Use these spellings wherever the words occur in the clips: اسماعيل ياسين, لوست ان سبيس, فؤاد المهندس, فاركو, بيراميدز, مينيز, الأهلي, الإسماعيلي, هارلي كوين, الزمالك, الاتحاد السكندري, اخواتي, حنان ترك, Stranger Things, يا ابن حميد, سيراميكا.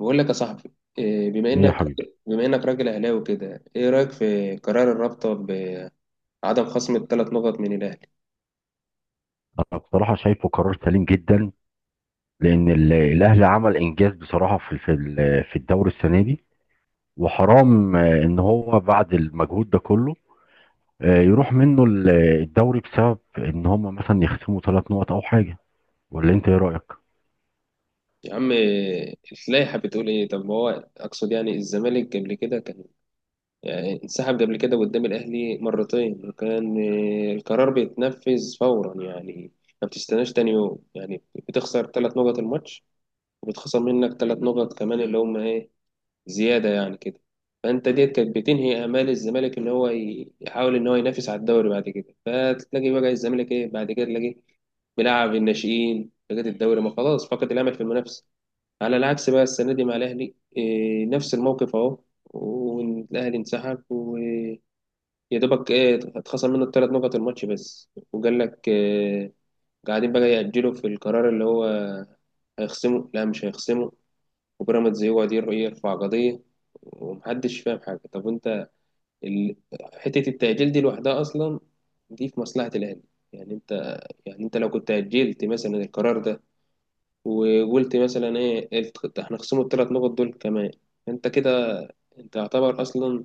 بقول لك يا صاحبي إيه، بما ايه يا انك حبيبي. بما انك راجل اهلاوي كده، ايه رايك في قرار الرابطه بعدم خصم الثلاث نقط من الاهلي؟ انا بصراحه شايفه قرار سليم جدا، لان الاهلي عمل انجاز بصراحه في الدوري السنه دي. وحرام، ان هو بعد المجهود ده كله، يروح منه الدوري بسبب ان هم مثلا يخصموا 3 نقط او حاجه. ولا انت ايه رايك؟ يا عم إيه، اللائحه بتقول ايه؟ طب ما هو اقصد يعني الزمالك قبل كده كان يعني انسحب قبل كده قدام الاهلي مرتين، وكان إيه، القرار بيتنفذ فورا يعني. ما بتستناش تاني يوم يعني. بتخسر ثلاث نقط الماتش، وبتخسر منك ثلاث نقط كمان اللي هم ايه زيادة يعني كده. فأنت ديت كانت بتنهي آمال الزمالك إن هو يحاول إن هو ينافس على الدوري بعد كده. فتلاقي بقى الزمالك إيه بعد كده تلاقيه بيلعب الناشئين لغاية الدوري ما خلاص فقد الأمل في المنافسة. على العكس بقى السنة دي مع الأهلي إيه نفس الموقف أهو. والأهلي انسحب ويا دوبك إيه اتخصم منه الثلاث نقط الماتش بس، وقال لك إيه قاعدين بقى يأجلوا في القرار اللي هو هيخصمه لا مش هيخصمه، وبيراميدز يقعد يرفع قضية ومحدش فاهم حاجة. طب انت ال... حتة التأجيل دي لوحدها أصلا دي في مصلحة الأهلي. يعني انت، يعني انت لو كنت أجلت مثلا القرار ده وقلت مثلا ايه احنا خصموا الثلاث نقط دول كمان، انت كده، انت يعتبر اصلا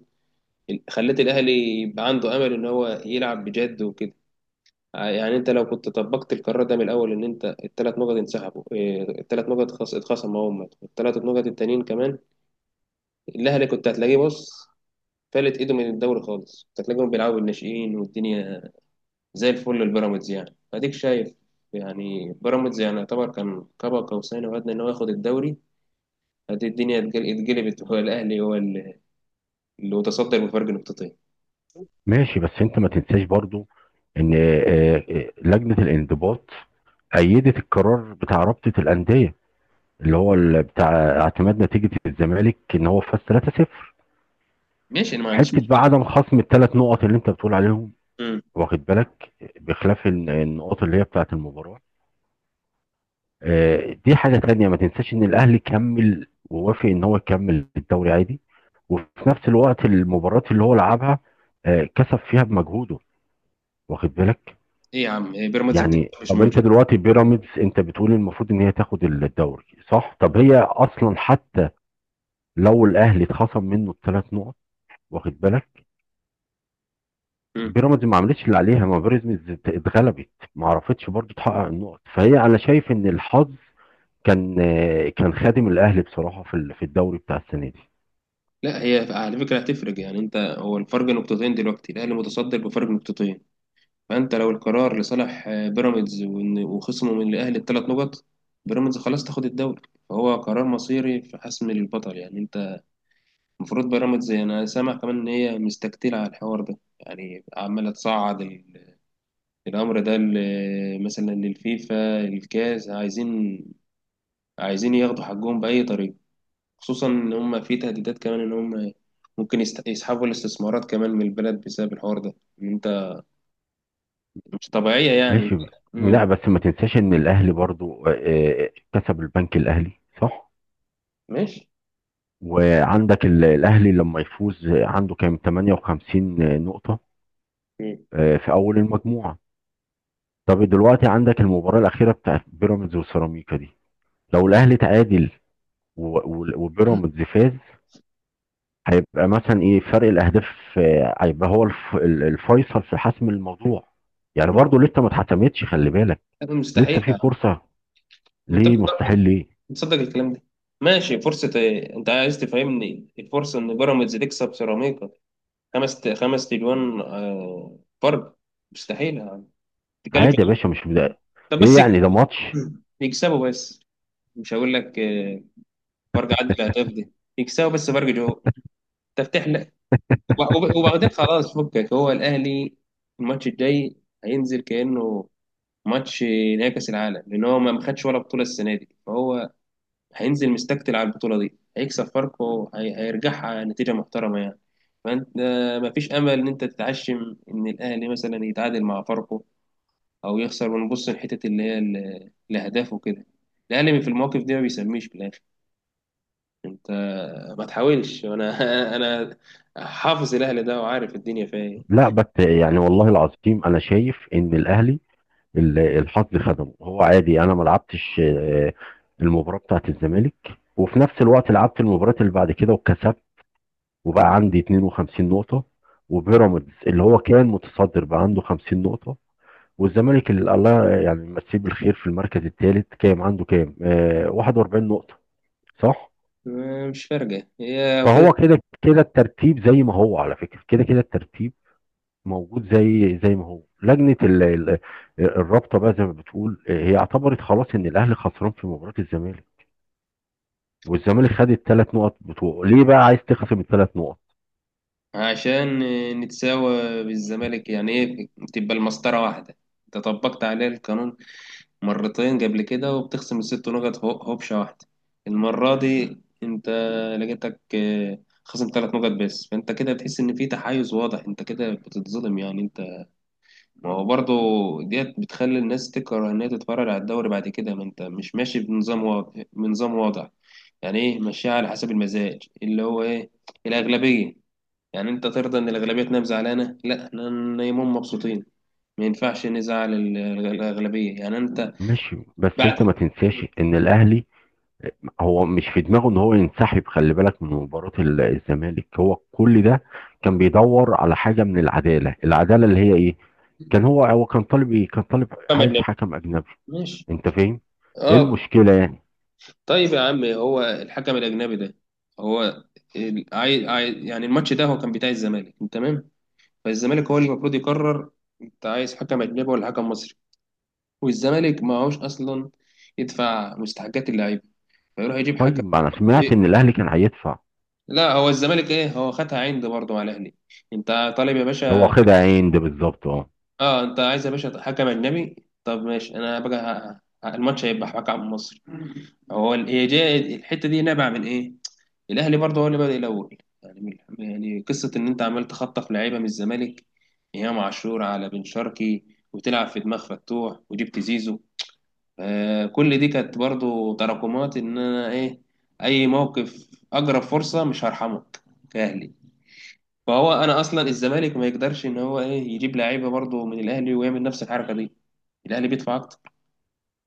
خليت الأهلي يبقى عنده أمل إن هو يلعب بجد وكده. يعني انت لو كنت طبقت القرار ده من الاول ان انت الثلاث نقط انسحبوا إيه، الثلاث نقط اتخصموا هم الثلاث نقط التانيين كمان، الاهلي كنت هتلاقيه بص فلت ايده من الدوري خالص، كانت تلاقيهم بيلعبوا بالناشئين والدنيا زي الفل للبيراميدز يعني اديك شايف. يعني بيراميدز يعني يعتبر كان كبا قوسين او ادنى ان هو ياخد الدوري. ادي الدنيا اتقلبت، هو الاهلي هو اللي اللي متصدر بفرق نقطتين. ماشي، بس انت ما تنساش برضو ان لجنه الانضباط أيدت القرار بتاع رابطة الأندية، اللي هو بتاع اعتماد نتيجة الزمالك إن هو فاز 3-0. ماشي، انا ما عنديش حته بقى مشكله. عدم خصم الثلاث نقط اللي انت بتقول عليهم، مم. واخد بالك؟ بخلاف النقط اللي هي بتاعه المباراه، دي حاجه تانية. ما تنساش ان الاهلي كمل ووافق ان هو يكمل الدوري عادي، وفي نفس الوقت المباريات اللي هو لعبها كسب فيها بمجهوده، واخد بالك؟ ايه يا عم إيه بيراميدز يعني بتكسب مش طب ماتش. انت دلوقتي بيراميدز، انت بتقول المفروض ان هي تاخد الدوري، صح؟ طب هي اصلا حتى لو الاهلي اتخصم منه الثلاث نقط، واخد بالك؟ مم. بيراميدز ما عملتش اللي عليها، ما بيراميدز اتغلبت، ما عرفتش برضو تحقق النقط. فهي انا شايف ان الحظ كان خادم الاهلي بصراحه في الدوري بتاع السنه دي. لا هي على فكره هتفرق، يعني انت هو الفرق نقطتين دلوقتي الاهلي متصدر بفرق نقطتين. فأنت لو القرار لصالح بيراميدز وخصمه من الأهلي الثلاث نقط، بيراميدز خلاص تاخد الدوري. فهو قرار مصيري في حسم للبطل يعني أنت. المفروض بيراميدز، أنا سامع كمان إن هي مستكتلة على الحوار ده، يعني عمالة تصعد الأمر ده مثلا للفيفا الكاس، عايزين عايزين ياخدوا حقهم بأي طريقة، خصوصا إن هم في تهديدات كمان إن هم ممكن يسحبوا الاستثمارات كمان من البلد بسبب الحوار ده. إن أنت مش طبيعية يعني. ماشي بس. مم. لا، بس ما تنساش ان الاهلي برضو آه، كسب البنك الاهلي، صح؟ ماشي. وعندك الاهلي لما يفوز، عنده كام؟ 58 نقطه، مم. في اول المجموعه. طب دلوقتي عندك المباراه الاخيره بتاعت بيراميدز وسيراميكا دي، لو الاهلي تعادل وبيراميدز فاز، هيبقى مثلا ايه فرق الاهداف؟ هيبقى هو الفيصل في حسم الموضوع. يعني برضو لسه ما اتحسمتش، خلي بالك، لسه مستحيل. في فرصة. انت ليه بتقدر مستحيل؟ ليه؟ تصدق الكلام ده؟ ماشي فرصة ايه، انت عايز تفهمني الفرصة ان بيراميدز تكسب سيراميكا خمس خمس تليون فرق؟ مستحيل يعني. تتكلم في عادي يا إيه؟ باشا، مش بدأ. طب ايه بس يعني؟ ده ماتش. يكسبوا بس، مش هقول لك فرق عدد الاهداف دي، يكسبوا بس فرق جو تفتح لك. وبعدين خلاص فكك، هو الاهلي الماتش الجاي هينزل كانه ماتش نهائي كاس العالم، لان هو ما خدش ولا بطوله السنه دي، فهو هينزل مستكتل على البطولة دي هيكسب فاركو هيرجعها نتيجة محترمة يعني. فأنت مفيش أمل إن أنت تتعشم إن الأهلي مثلا يتعادل مع فاركو أو يخسر ونبص لحتة اللي هي الأهداف وكده. الأهلي في المواقف دي ما بيسميش في الآخر. أنت ما تحاولش. أنا أنا حافظ الأهلي ده وعارف الدنيا فيها إيه. لا، بس يعني والله العظيم انا شايف ان الاهلي الحظ خدمه. هو عادي، انا ما لعبتش المباراة بتاعت الزمالك، وفي نفس الوقت لعبت المباراة اللي بعد كده وكسبت، وبقى عندي 52 نقطة، وبيراميدز اللي هو كان متصدر بقى عنده 50 نقطة، والزمالك اللي الله يعني يمسيه بالخير في المركز الثالث، عنده كام؟ 41 نقطة، صح؟ مش فارقة هي كده. فهو كده كده الترتيب زي ما هو، على فكرة كده كده الترتيب موجود زي ما هو. لجنة الرابطة بقى زي ما بتقول، هي اعتبرت خلاص ان الاهلي خسران في مباراة الزمالك، والزمالك خد الثلاث نقط بتوعه. ليه بقى عايز تخصم الثلاث نقط؟ عشان نتساوى بالزمالك، يعني إيه تبقى المسطرة واحدة. أنت طبقت عليه القانون مرتين قبل كده وبتخصم الست نقط هوبشة واحدة. المرة دي انت لقيتك خصم ثلاث نقط بس. فانت كده بتحس ان في تحيز واضح، انت كده بتتظلم يعني انت. ما هو برضه ديت بتخلي الناس تكره ان هي تتفرج على الدوري بعد كده. ما انت مش ماشي بنظام واضح بنظام واضح يعني، ايه ماشيها على حسب المزاج اللي هو ايه الاغلبية. يعني انت ترضى ان الاغلبية تنام زعلانة؟ لا احنا نايمين مبسوطين. ما ينفعش نزعل الاغلبية يعني انت. ماشي، بس بعد انت ما تنساش ان الاهلي هو مش في دماغه ان هو ينسحب، خلي بالك، من مباراة الزمالك. هو كل ده كان بيدور على حاجة من العدالة، العدالة اللي هي ايه. كان هو كان طالب ايه، كان طالب محمد عايز نبي. حكم اجنبي. ماشي. انت فاهم؟ ايه اه. المشكلة يعني؟ طيب يا عم هو الحكم الاجنبي ده هو يعني الماتش ده هو كان بتاع الزمالك تمام، فالزمالك هو اللي المفروض يقرر، انت عايز حكم اجنبي ولا حكم مصري؟ والزمالك ما هوش اصلا يدفع مستحقات اللعيبه فيروح يجيب حكم. طيب ما انا إيه؟ سمعت ان الاهلي كان هيدفع، لا هو الزمالك ايه هو خدها عند برضه مع الاهلي، انت طالب يا هو باشا. خد عين ده بالظبط، اه. اه انت عايز يا باشا حكم اجنبي. طب ماشي، انا بقى الماتش هيبقى حكم مصري. هو هي جاية الحته دي نابعه من ايه؟ الاهلي برضه هو اللي بادئ الاول يعني يعني قصه ان انت عمال تخطف لعيبه من الزمالك ايام عاشور على بن شرقي وتلعب في دماغ فتوح وجبت زيزو. آه كل دي كانت برضه تراكمات ان انا ايه اي موقف اقرب فرصه مش هرحمك كاهلي. فهو انا اصلا الزمالك ما يقدرش ان هو ايه يجيب لعيبه برضه من الاهلي ويعمل نفس الحركه دي، الاهلي بيدفع اكتر.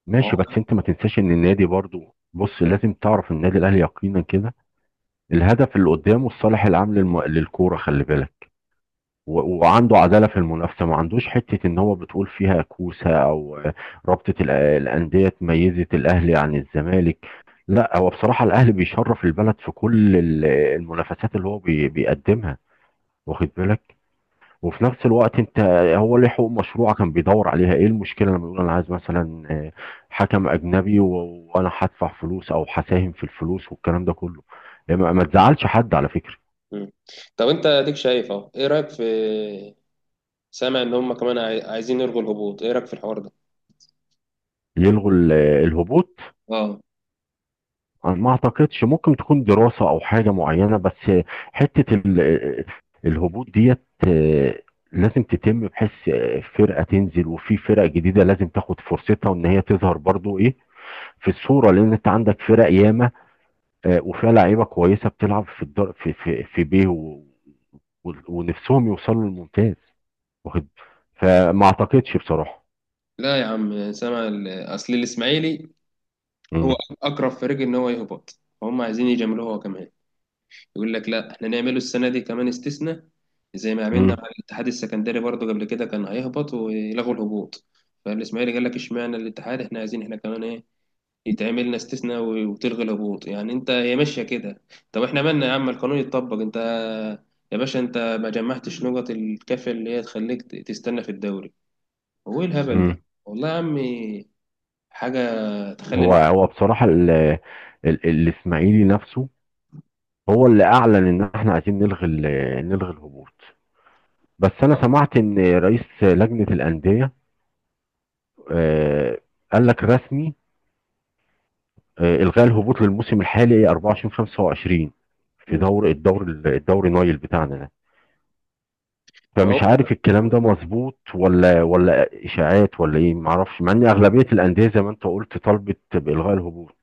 ماشي، بس وهو. انت ما تنساش ان النادي برضو، بص لازم تعرف النادي الاهلي يقينا كده الهدف اللي قدامه الصالح العام للكورة، خلي بالك. وعنده عدالة في المنافسة، ما عندوش حتة ان هو بتقول فيها كوسة او رابطة الأندية ميزت الأهلي عن الزمالك. لا، هو بصراحة الأهلي بيشرف البلد في كل المنافسات اللي هو بيقدمها، واخد بالك. وفي نفس الوقت انت، هو ليه حقوق مشروعة كان بيدور عليها. ايه المشكلة لما يقول انا عايز مثلا حكم اجنبي، وانا هدفع فلوس او هساهم في الفلوس والكلام ده كله؟ ما تزعلش حد على فكرة. مم. طب انت اديك شايف اهو، ايه رايك في، سامع ان هم كمان عايزين يلغوا الهبوط، ايه رايك في الحوار ده؟ يلغوا الهبوط؟ اه. أنا ما اعتقدش. ممكن تكون دراسة او حاجة معينة، بس حتة الهبوط ديت، آه، لازم تتم، بحيث فرقة تنزل وفي فرق جديدة لازم تاخد فرصتها، وان هي تظهر برضو ايه في الصورة. لان انت عندك فرق ياما، وفيها لعيبة كويسة بتلعب في الدر في في في بيه ونفسهم يوصلوا للممتاز، واخد. فما اعتقدش بصراحة. لا يا عم سامع اصل الاسماعيلي هو امم اقرب فريق ان هو يهبط، فهم عايزين يجاملوه هو كمان، يقول لك لا احنا نعمله السنه دي كمان استثناء زي ما عملنا امم مع الاتحاد السكندري برضو قبل كده كان هيهبط ويلغوا الهبوط. فالاسماعيلي قال لك اشمعنى الاتحاد، احنا عايزين احنا كمان ايه يتعمل لنا استثناء وتلغي الهبوط. يعني انت هي ماشيه كده. طب احنا مالنا يا عم، القانون يتطبق، انت يا باشا انت ما جمعتش نقط الكافيه اللي هي تخليك تستنى في الدوري. هو ايه الهبل ده؟ والله يا عم حاجة تخلي هو الواحد. بصراحة الاسماعيلي نفسه هو اللي اعلن ان احنا عايزين نلغي الهبوط. بس انا سمعت ان رئيس لجنة الأندية، آه، قال لك رسمي، الغاء الهبوط للموسم الحالي 24/25، في مم. دور الدور الدوري نايل بتاعنا ده. ما هو. فمش عارف الكلام ده مظبوط، ولا اشاعات، ولا ايه؟ معرفش، مع ان اغلبيه الانديه زي ما انت قلت طالبت بالغاء الهبوط.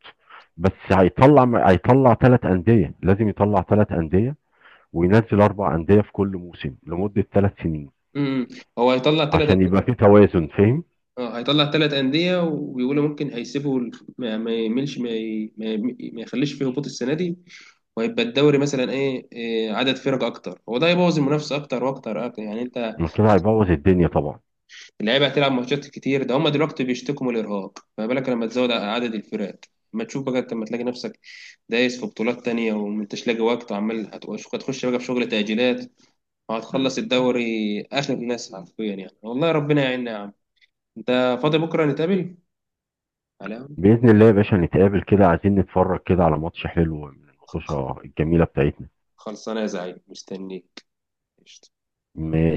بس هيطلع 3 انديه، لازم يطلع 3 انديه وينزل 4 انديه في كل موسم لمده 3 سنين امم. هو هيطلع ثلاث عشان يبقى في توازن، فاهم؟ هيطلع ثلاث أندية، وبيقولوا ممكن هيسيبوا ما يملش ما يخليش فيه هبوط السنة دي. وهيبقى الدوري مثلا ايه إيه، عدد فرق اكتر، هو ده هيبوظ المنافسة اكتر واكتر اكتر يعني انت. ما كده هيبوظ الدنيا طبعا. اللعيبة هتلعب ماتشات كتير، ده هم دلوقتي بيشتكوا من الارهاق، فما بالك لما تزود عدد الفرق؟ ما تشوف بقى انت لما تلاقي نفسك دايس في بطولات تانية وما انتش لاقي وقت، وعمال هتخش بقى في شغل تأجيلات، وهتخلص الدوري آخر ناس حرفيا يعني. والله ربنا يعيننا يا عم. أنت فاضي بكرة نتقابل؟ على. باذن الله يا باشا نتقابل كده، عايزين نتفرج كده على ماتش حلو من الماتشة الجميله بتاعتنا. خلصانة يا زعيم مستنيك. م-